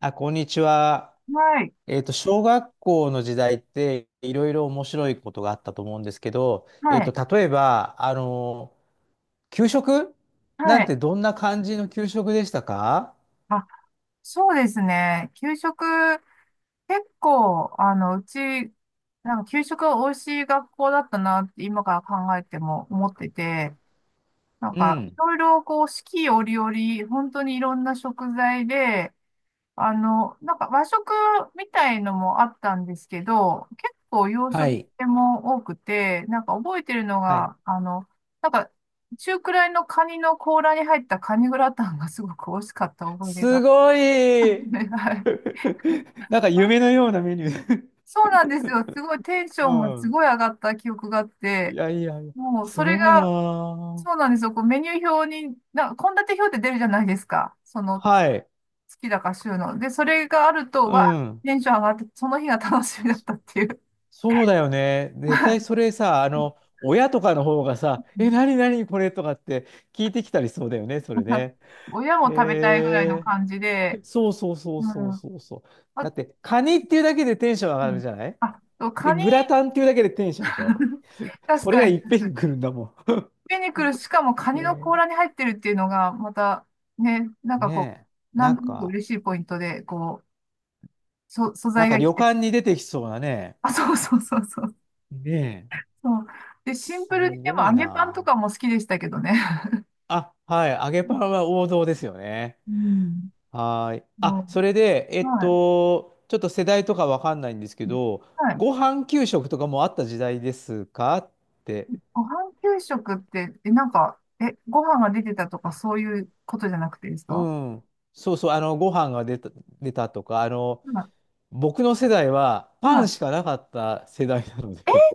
あ、こんにちは。はい、小学校の時代っていろいろ面白いことがあったと思うんですけど、はい、例えば、給食はなんい。てどんな感じの給食でしたか？あ、そうですね。給食、結構、うち、なんか給食が美味しい学校だったなって今から考えても思ってて、なんうか、いん。ろいろこう、四季折々、本当にいろんな食材で、なんか和食みたいのもあったんですけど、結構洋は食い。系も多くて、なんか覚えてるのはい。が、なんか中くらいのカニの甲羅に入ったカニグラタンが すごく美味しかった思い出すが。ご い。 はい。なんか夢のようなメニュー。そうなんですよ。すごいテンショうンがすん。ごい上がった記憶があっいて、やいやいや、もうすそれごいなが、ぁ。そうなんですよ。こうメニュー表に、な、献立表って出るじゃないですか。その好はい。きだから収納。で、それがあると、うわん。テンション上がって、その日が楽しみだったっていう。そうだよね。絶は対い。 それさ、親とかの方がさ、え、なに なにこれとかって聞いてきたり、そうだよね、それね。親も食べたいぐらいのへ感じで、え。そうそうそううん。そうあ、そうそう。だって、カニっていうだけでテンション上うがるん。じゃない。あと、で、カニ、グラタンっていうだけでテンションでしょ。 確それがかに、いっぺんに来るんだもピニクル、しかもカん。へニのえ。甲羅に入ってるっていうのが、また、ね、なんかこねう、え。ななんんとなくか、嬉しいポイントで、こう、そ、素なん材かが生旅きてる。館に出てきそうなね。あ、そうそうそうそう。ねえ。そう。で、シンすプルに、でごも揚いげパンとな。かも好きでしたけどね。あ、はい。揚げパンは王道ですよね。うん。はーい。あ、もそれで、う、はい。ちょっと世代とかわかんないんですけど、はい。ご飯給食とかもあった時代ですかって。ご飯給食って、え、なんか、え、ご飯が出てたとかそういうことじゃなくてですか？うん。そうそう、ご飯が出た、出たとか、は僕の世代はい。パはンい。しかなかった世代なのえ、で。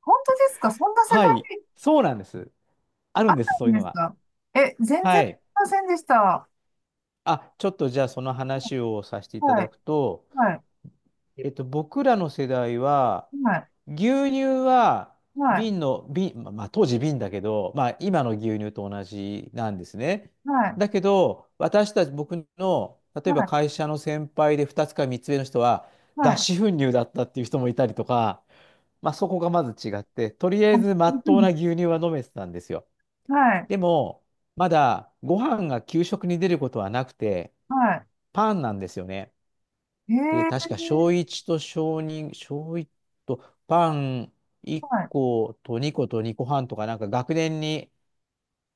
本当ですかそん な世は代い。にそうなんです。あるあっんです、そたうんいうでのすが。か？え、全は然知りい。ませんでした。あ、ちょっとじゃあその話をさせていたはだい。くと、はい。僕らの世代は、はい。牛乳ははい。瓶の、瓶、まあ当時瓶だけど、まあ今の牛乳と同じなんですね。はい。だけど、私たち、僕の、例はえばい。会社の先輩で2つか3つ目の人は、はい。脱脂粉乳だったっていう人もいたりとか、まあそこがまず違って、とり ああ、えず真びっっく当り。な牛乳は飲めてたんですよ。はい。でも、まだご飯が給食に出ることはなくて、はパンなんですよね。い。えで、確か小ー。1と小2、小1とパン1は個と2個と2個半とか、なんか学年に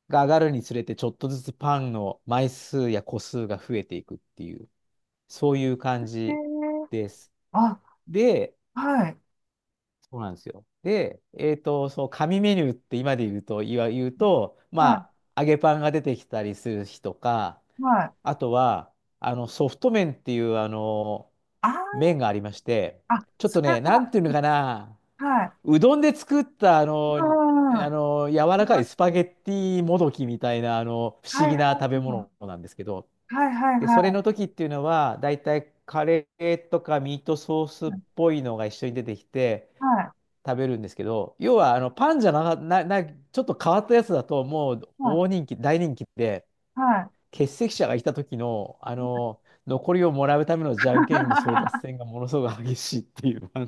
が上がるにつれて、ちょっとずつパンの枚数や個数が増えていくっていう、そういう感い。えじー。です。あ、で、はい。そうなんですよ。で、そう、紙メニューって今で言うと、言うと、はまあ、揚げパンが出てきたりする日とか、い。はい。あとは、ソフト麺っていう、あー、麺がありまして、あ、ちょっそとれね、なは、んていうのかな、はい。うどんで作ったうん。柔らかいスパゲッティもどきみたいな、不は思いは議いな食べは物い。なんですけど、はいはいで、それはい。の時っていうのは、だいたいカレーとかミートソースっぽいのが一緒に出てきてはい食べるんですけど、要はあのパンじゃな、ちょっと変わったやつだと、もうは大人気、大人気で、いはい。欠席者がいた時の、残りをもらうためのじゃんけんの争奪戦 がものすごく激しいっていう、あ、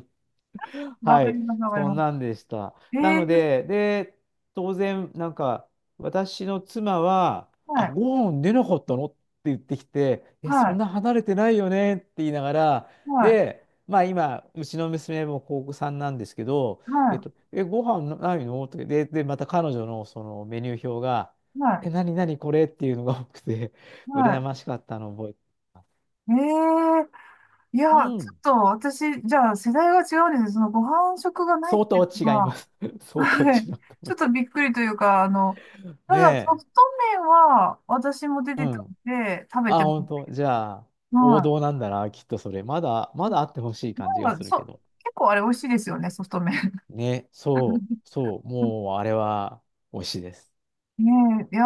わはかりい、ます、わかりそまんす。なんでした。えなのえ。で、で、当然、なんか、私の妻は、はあ、いご飯出なかったのって言ってきて、え、はそんいな離れてないよねって言いながら、はいで、まあ今、うちの娘も高校さんなんですけど、はいえ、ご飯ないのって、で、また彼女のそのメニュー表が、はえ、何何これっていうのが多くて、い 羨はましかったのを覚えてます。い。ええ。いうや、ちょっん、と私、じゃあ世代が違うんです。そのご飯食がないっ相てい当うの違いまは、す。相当はい。違うと思ちょいまっとす。びっくりというか、たねだソえ。フト麺は私も出うてたんん。で、食べあ、ても、本当。じゃあ、王はい。道なんだな、きっとそれ。まだ、まだあってほしい感じまがすあ、るけそ、ど。結構あれ美味しいですよね、ソフト麺。ね、そう、そう、もうあれは美味しいです。ねえ、いや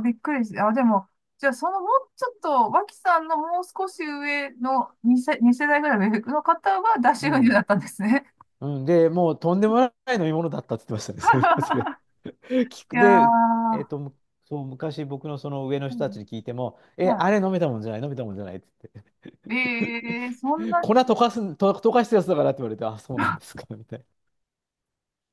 ー、びっくりして。あ、でも、じゃあ、そのもうちょっと、脇さんのもう少し上の2世、二世代ぐらいの上の方は、出うし運輸だん。ったんですね。うん、で、もうとんでもない飲み物だったって言ってましたね、そういえばそれ。聞いく、やで、ー、む、そう、昔僕のその上のう人たちん。に聞いても、え、はあれ飲めたもんじゃない、飲めたもんじゃないってい。えー、そん言って、な粉に。溶かす、と溶かしたやつだからって言われて、あ、そうなんですか、みたいな。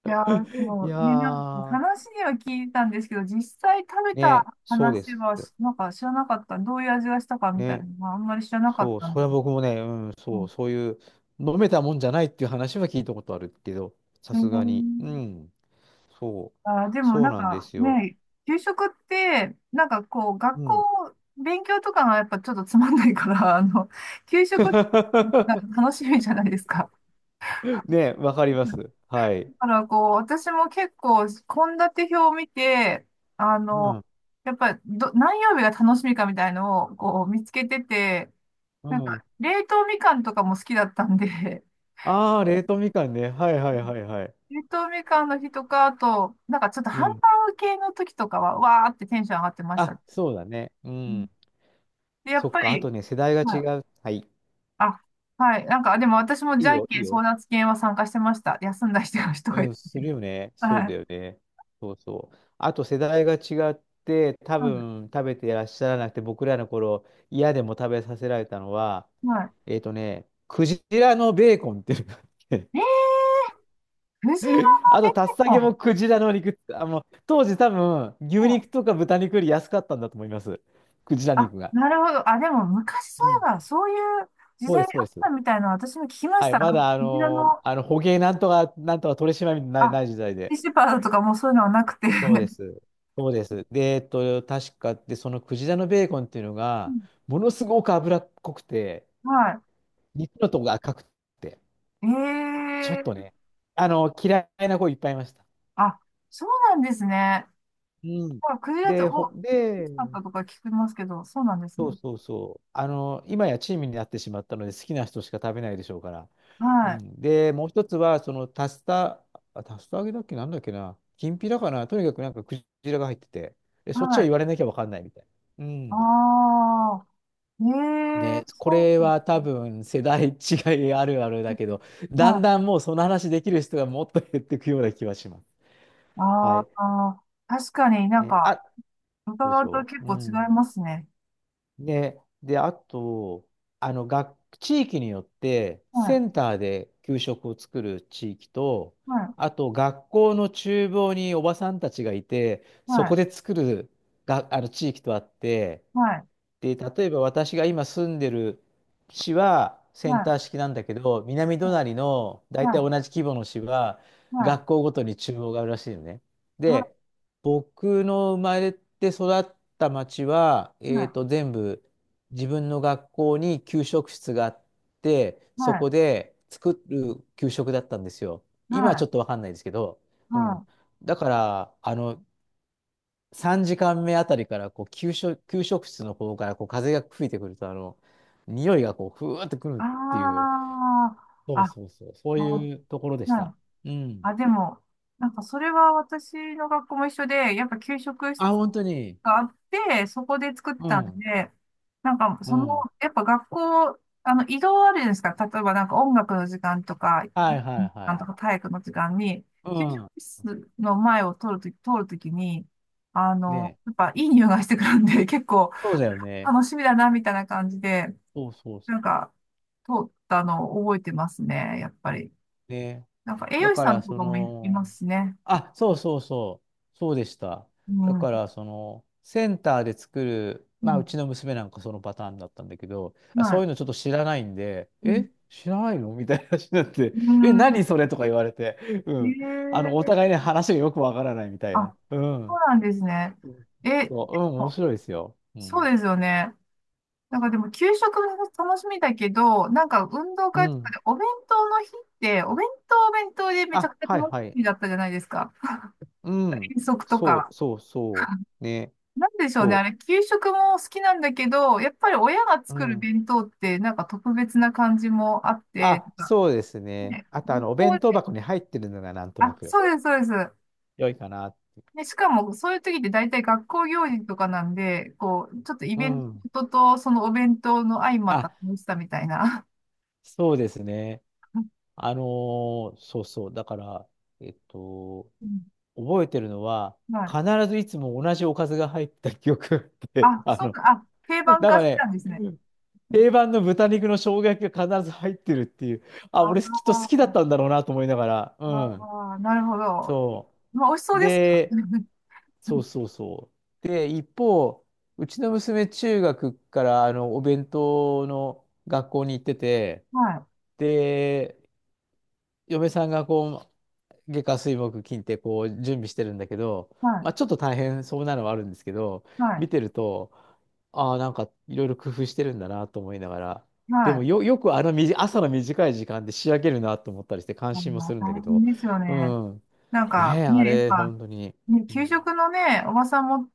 いやー、でいもやね、なんかー、話には聞いたんですけど、実際食べたね、そうで話す。は、なんか知らなかった。どういう味がしたかみたいなね。のは、あんまり知らなかっそう、たそれんはで。僕もね、うん、うそん、う、そういう、飲めたもんじゃないっていう話は聞いたことあるけど、さえすがに。うー。ん、そあー、でう、もそうなんなんでかすよ。ね、給食って、なんかこう、学うん。校、勉強とかがやっぱちょっとつまんないから、給食が 楽しみじゃないですか。ね、わかります。はだい。からこう、私も結構、献立表を見て、あうの、ん、やっぱど、何曜日が楽しみかみたいのをこう見つけてて、うなんか、ん。冷凍みかんとかも好きだったんで、ああ、冷凍みかんね。はいはいはいはい。冷凍みかんの日とか、あと、なんかちょっとうハンバん。ーグ系の時とかは、わーってテンション上がってました。あ、そうだね。ううん。ん。で、やっそっぱか、あり、とね、世代がは違い。う。はい。あ、はい。なんか、でも私もじいいゃんよ、けいいん争よ。奪戦は参加してました。休んだ人が人うがいたん、けすど。るよね。そうはだい。よね。そうそう。あと世代が違って、多うん。分食べていらっしゃらなくて、僕らの頃、嫌でも食べさせられたのは、はクジラのベーコンっていうのがあって、い。えー、藤の あベと、ータッサコケもン。クジラの肉、当時多分、牛うん。肉とか豚肉より安かったんだと思います。クジラあ、肉が。なるほど。あ、でも昔そうういん。えば、そういう時そう代であす、そうでっす。たみたいなの私も聞きましはい、た。なんまかだ藤原の、捕鯨なんとか、なんとか取締まりない、なあ、い時代シーで。シェパードとかもうそういうのはなくて。そうです。そうです。で、確かで、そのクジラのベーコンっていうのうが、ん。ものすごく脂っこくて、は肉のとこが赤くて、い。えちょっとー、ね、嫌いな子いっぱいいました。あ、そうなんですね。うん。まあ、クジラって、で、お、大で、きかったとか聞きますけど、そうなんですそうね。そうそう。あの、今やチームになってしまったので、好きな人しか食べないでしょうから。うはい。ん。で、もう一つは、その、タスタ、あ、タスタ揚げだっけ、なんだっけな、きんぴらかな、とにかくなんかクジラが入ってて、で、そっちははい。言われなきゃわかんないみたいな。うん。ああ、ええね、こそうれではす多ね。分世代違いあるあるだけど、だはんい。だんもうその話できる人がもっと減っていくような気はします。はあい。あ、確かになんね、あ、か、そうで伺しうとょ結う。う構違いん。ますね。ね、で、あと、学、地域によって、はセい、ンターで給食を作る地域と、はい、あと、学校の厨房におばさんたちがいて、はそこい、で作るが、地域とあって、はい、で、例えば私が今住んでる市ははセンい、ター式なんだけど、南隣の大体同はじ規模の市はい、は学い、校ごとに中央があるらしいのね。で、は僕の生まれて育った町は、い、全部自分の学校に給食室があって、はそい、はこい、で作る給食だったんですよ。は今はちい、ょっとわかんないですけど、うん。はい。だから、3時間目あたりからこう給食、給食室の方からこう風が吹いてくると、あの匂いがこうふわーってくるあっていう、あ、あ、そうそうそう、そそうあ、いうところでしはた。い。うん。あ、でも、なんかそれは私の学校も一緒で、やっぱ給食室あ、本当に。があって、そこで作ってうたんん。で、なんか、うその、ん。やっぱ学校、移動あるじゃないですか。例えばなんか音楽の時間とか、はいはいはなんとい。か体育の時間に、う給食ん。室の前を通るときに、ねえ、やっぱいい匂いがしてくるんで、結構そうだよね。楽しみだな、みたいな感じで、そうそうそなんか、通ったのを覚えてますね、やっぱり。う。ねえ、なんか栄だ養士かさんら、とそかもい、いの、ますしね。あ、そうそうそう。そうでした。うだん。うから、その、センターで作る、まあ、うちん。の娘なんかそのパターンだったんだけど、あ、はそうい。いうのちょっと知らないんで、うん。え、知らないのみたいな話になって、うえ、何そん。れとか言われて、うえん。あの、おー、互いね、話がよくわからないみたいな。あ、うそうん。なんですね。うん、え、でそう、うん、面も白いですよ。うそうん。ですよね。なんかでも給食も楽しみだけど、なんか運動う会とかん。でお弁当の日って、お弁当はお弁当でめちゃあ、くちゃはい楽しはい。みだったじゃないですか。うん。遠足とそか。うそうそう。ね。なんでしょうね。あそれ、給食も好きなんだけど、やっぱり親がう。う作るん。弁当ってなんか特別な感じもあって、あ、なんかそうですね。ね、あと、学お校弁当で、箱に入ってるのがなんとなあ、くそうです、そうです。良いかな。で、しかも、そういう時って大体学校行事とかなんで、こう、ちょっとイうベンん。トとそのお弁当の相まったあ、楽しさみたいな。そうですね。あのそうそう。だから、えっと、うん。覚えてるのは、はい。必ずいつも同じおかずが入った記憶があって、あ、そうか、あ、定な番ん化かしてたね、んですね。定番の豚肉の生姜焼きが必ず入ってるっていう、あ、ああ、俺きっと好きだったんだろうなと思いながら、うん。ああ、なるほど。そまあ、美味しそう。うでした。で、そうそうそう。で、一方、うちの娘、中学からお弁当の学校に行ってて、はい、で、嫁さんがこう、月火水木金ってこう準備してるんだけど、はまい、あ、ちょっと大変そうなのはあるんですけど、はい、見てると、ああ、なんかいろいろ工夫してるんだなと思いながら、ではも、い。よくあの、朝の短い時間で仕上げるなと思ったりして、感あ心ものするんだ大けど、変ですようね。ん、なんねかえ、あね、やっれ、ぱ、本当に。ね、う給ん、食のね、おばさん持っ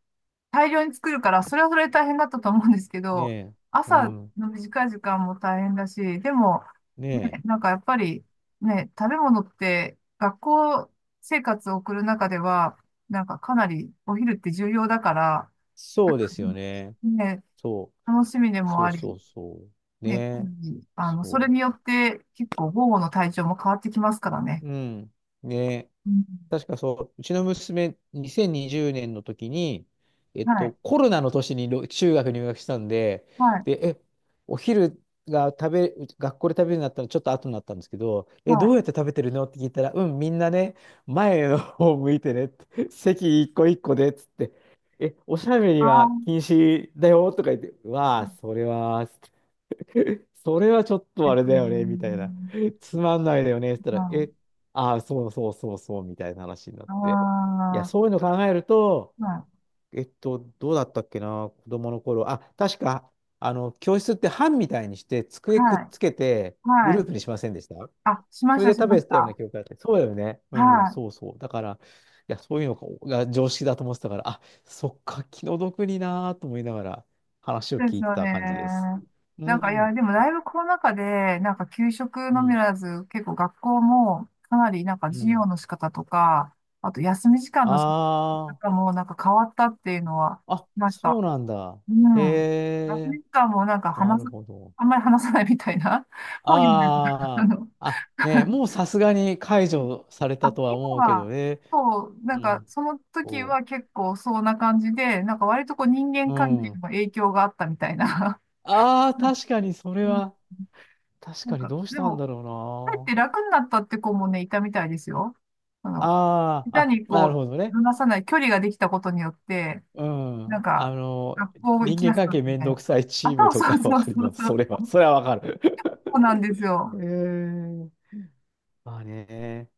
大量に作るから、それはそれで大変だったと思うんですけねど、え、う朝ん、の短い時間も大変だし、でも、ねね、なえ。んかやっぱり、ね、食べ物って学校生活を送る中では、なんかかなりお昼って重要だから、そうですよね。ね、そう。楽しみでもそあうり、そうそう。ね、ね。それそによって結構午後の体調も変わってきますからね。う。うん。ね。うん、確かそう、うちの娘、2020年の時に、はい、コロナの年に、中学入学したんで、はい、で、え、お昼が食べ、学校で食べるようになったのちょっと後になったんですけど、え、はどうい。やって食べてるのって聞いたら、うん、みんなね、前の方向いてねって、席一個一個で、つって、え、おしゃべりあはあ、禁止だよとか言って、わうあ、ん、それは、それはちょっとあれだよね、みたいな。つまんないだよね、って言ったはら、い、え、ああ、そうそうそうそう、みたいな話になって。あいや、そういうの考えると、あ、はい。どうだったっけな、子供の頃。あ、確か、教室って班みたいにして、机くっはい。つけて、グはルーい。プにしませんでした？あ、しまそしれた、でし食まべしてたようなた。記憶があって。そうだよね。うはん、い。そうそう。だから、いや、そういうのが常識だと思ってたから、あ、そっか、気の毒になーと思いながら話をそうで聞すいてよた感じです。ね。うなんか、いん。や、でもだいぶコロナ禍で、なんか給食うのみんならず、結構学校もかなりなんかう授業ん。の仕方とか、あと休み時間の仕あ方もなんか変わったっていうのはあ、あ、聞きましそた。うなんだ。うへん。休え、み時間もなんかな話るす、ほど。あんまり話さないみたいな、本読んでるとか、ああの、あ、あ、ねえ、もうさすがに解除されあ、たとは今思うけどは、ね。そう、うなんか、ん。その時そは結構そんな感じで、なんか割とこう人間う。う関係にもん。影響があったみたいな。ああ、確かにそれうん。は、確なんかにか、どうしでたんも、だろ帰って楽になったって子もね、いたみたいですよ。あうな。の、ああ、下手あ、になるこほどう、ね。離さない距離ができたことによって、うなん。んあか、の、学校行人き間やすく関なっ係たみめんたいどくな。さいチあ、ームそうとそうかわそうかりそまうす。そそう、れは、それはわかる。そうなんですへよ。え。まあね。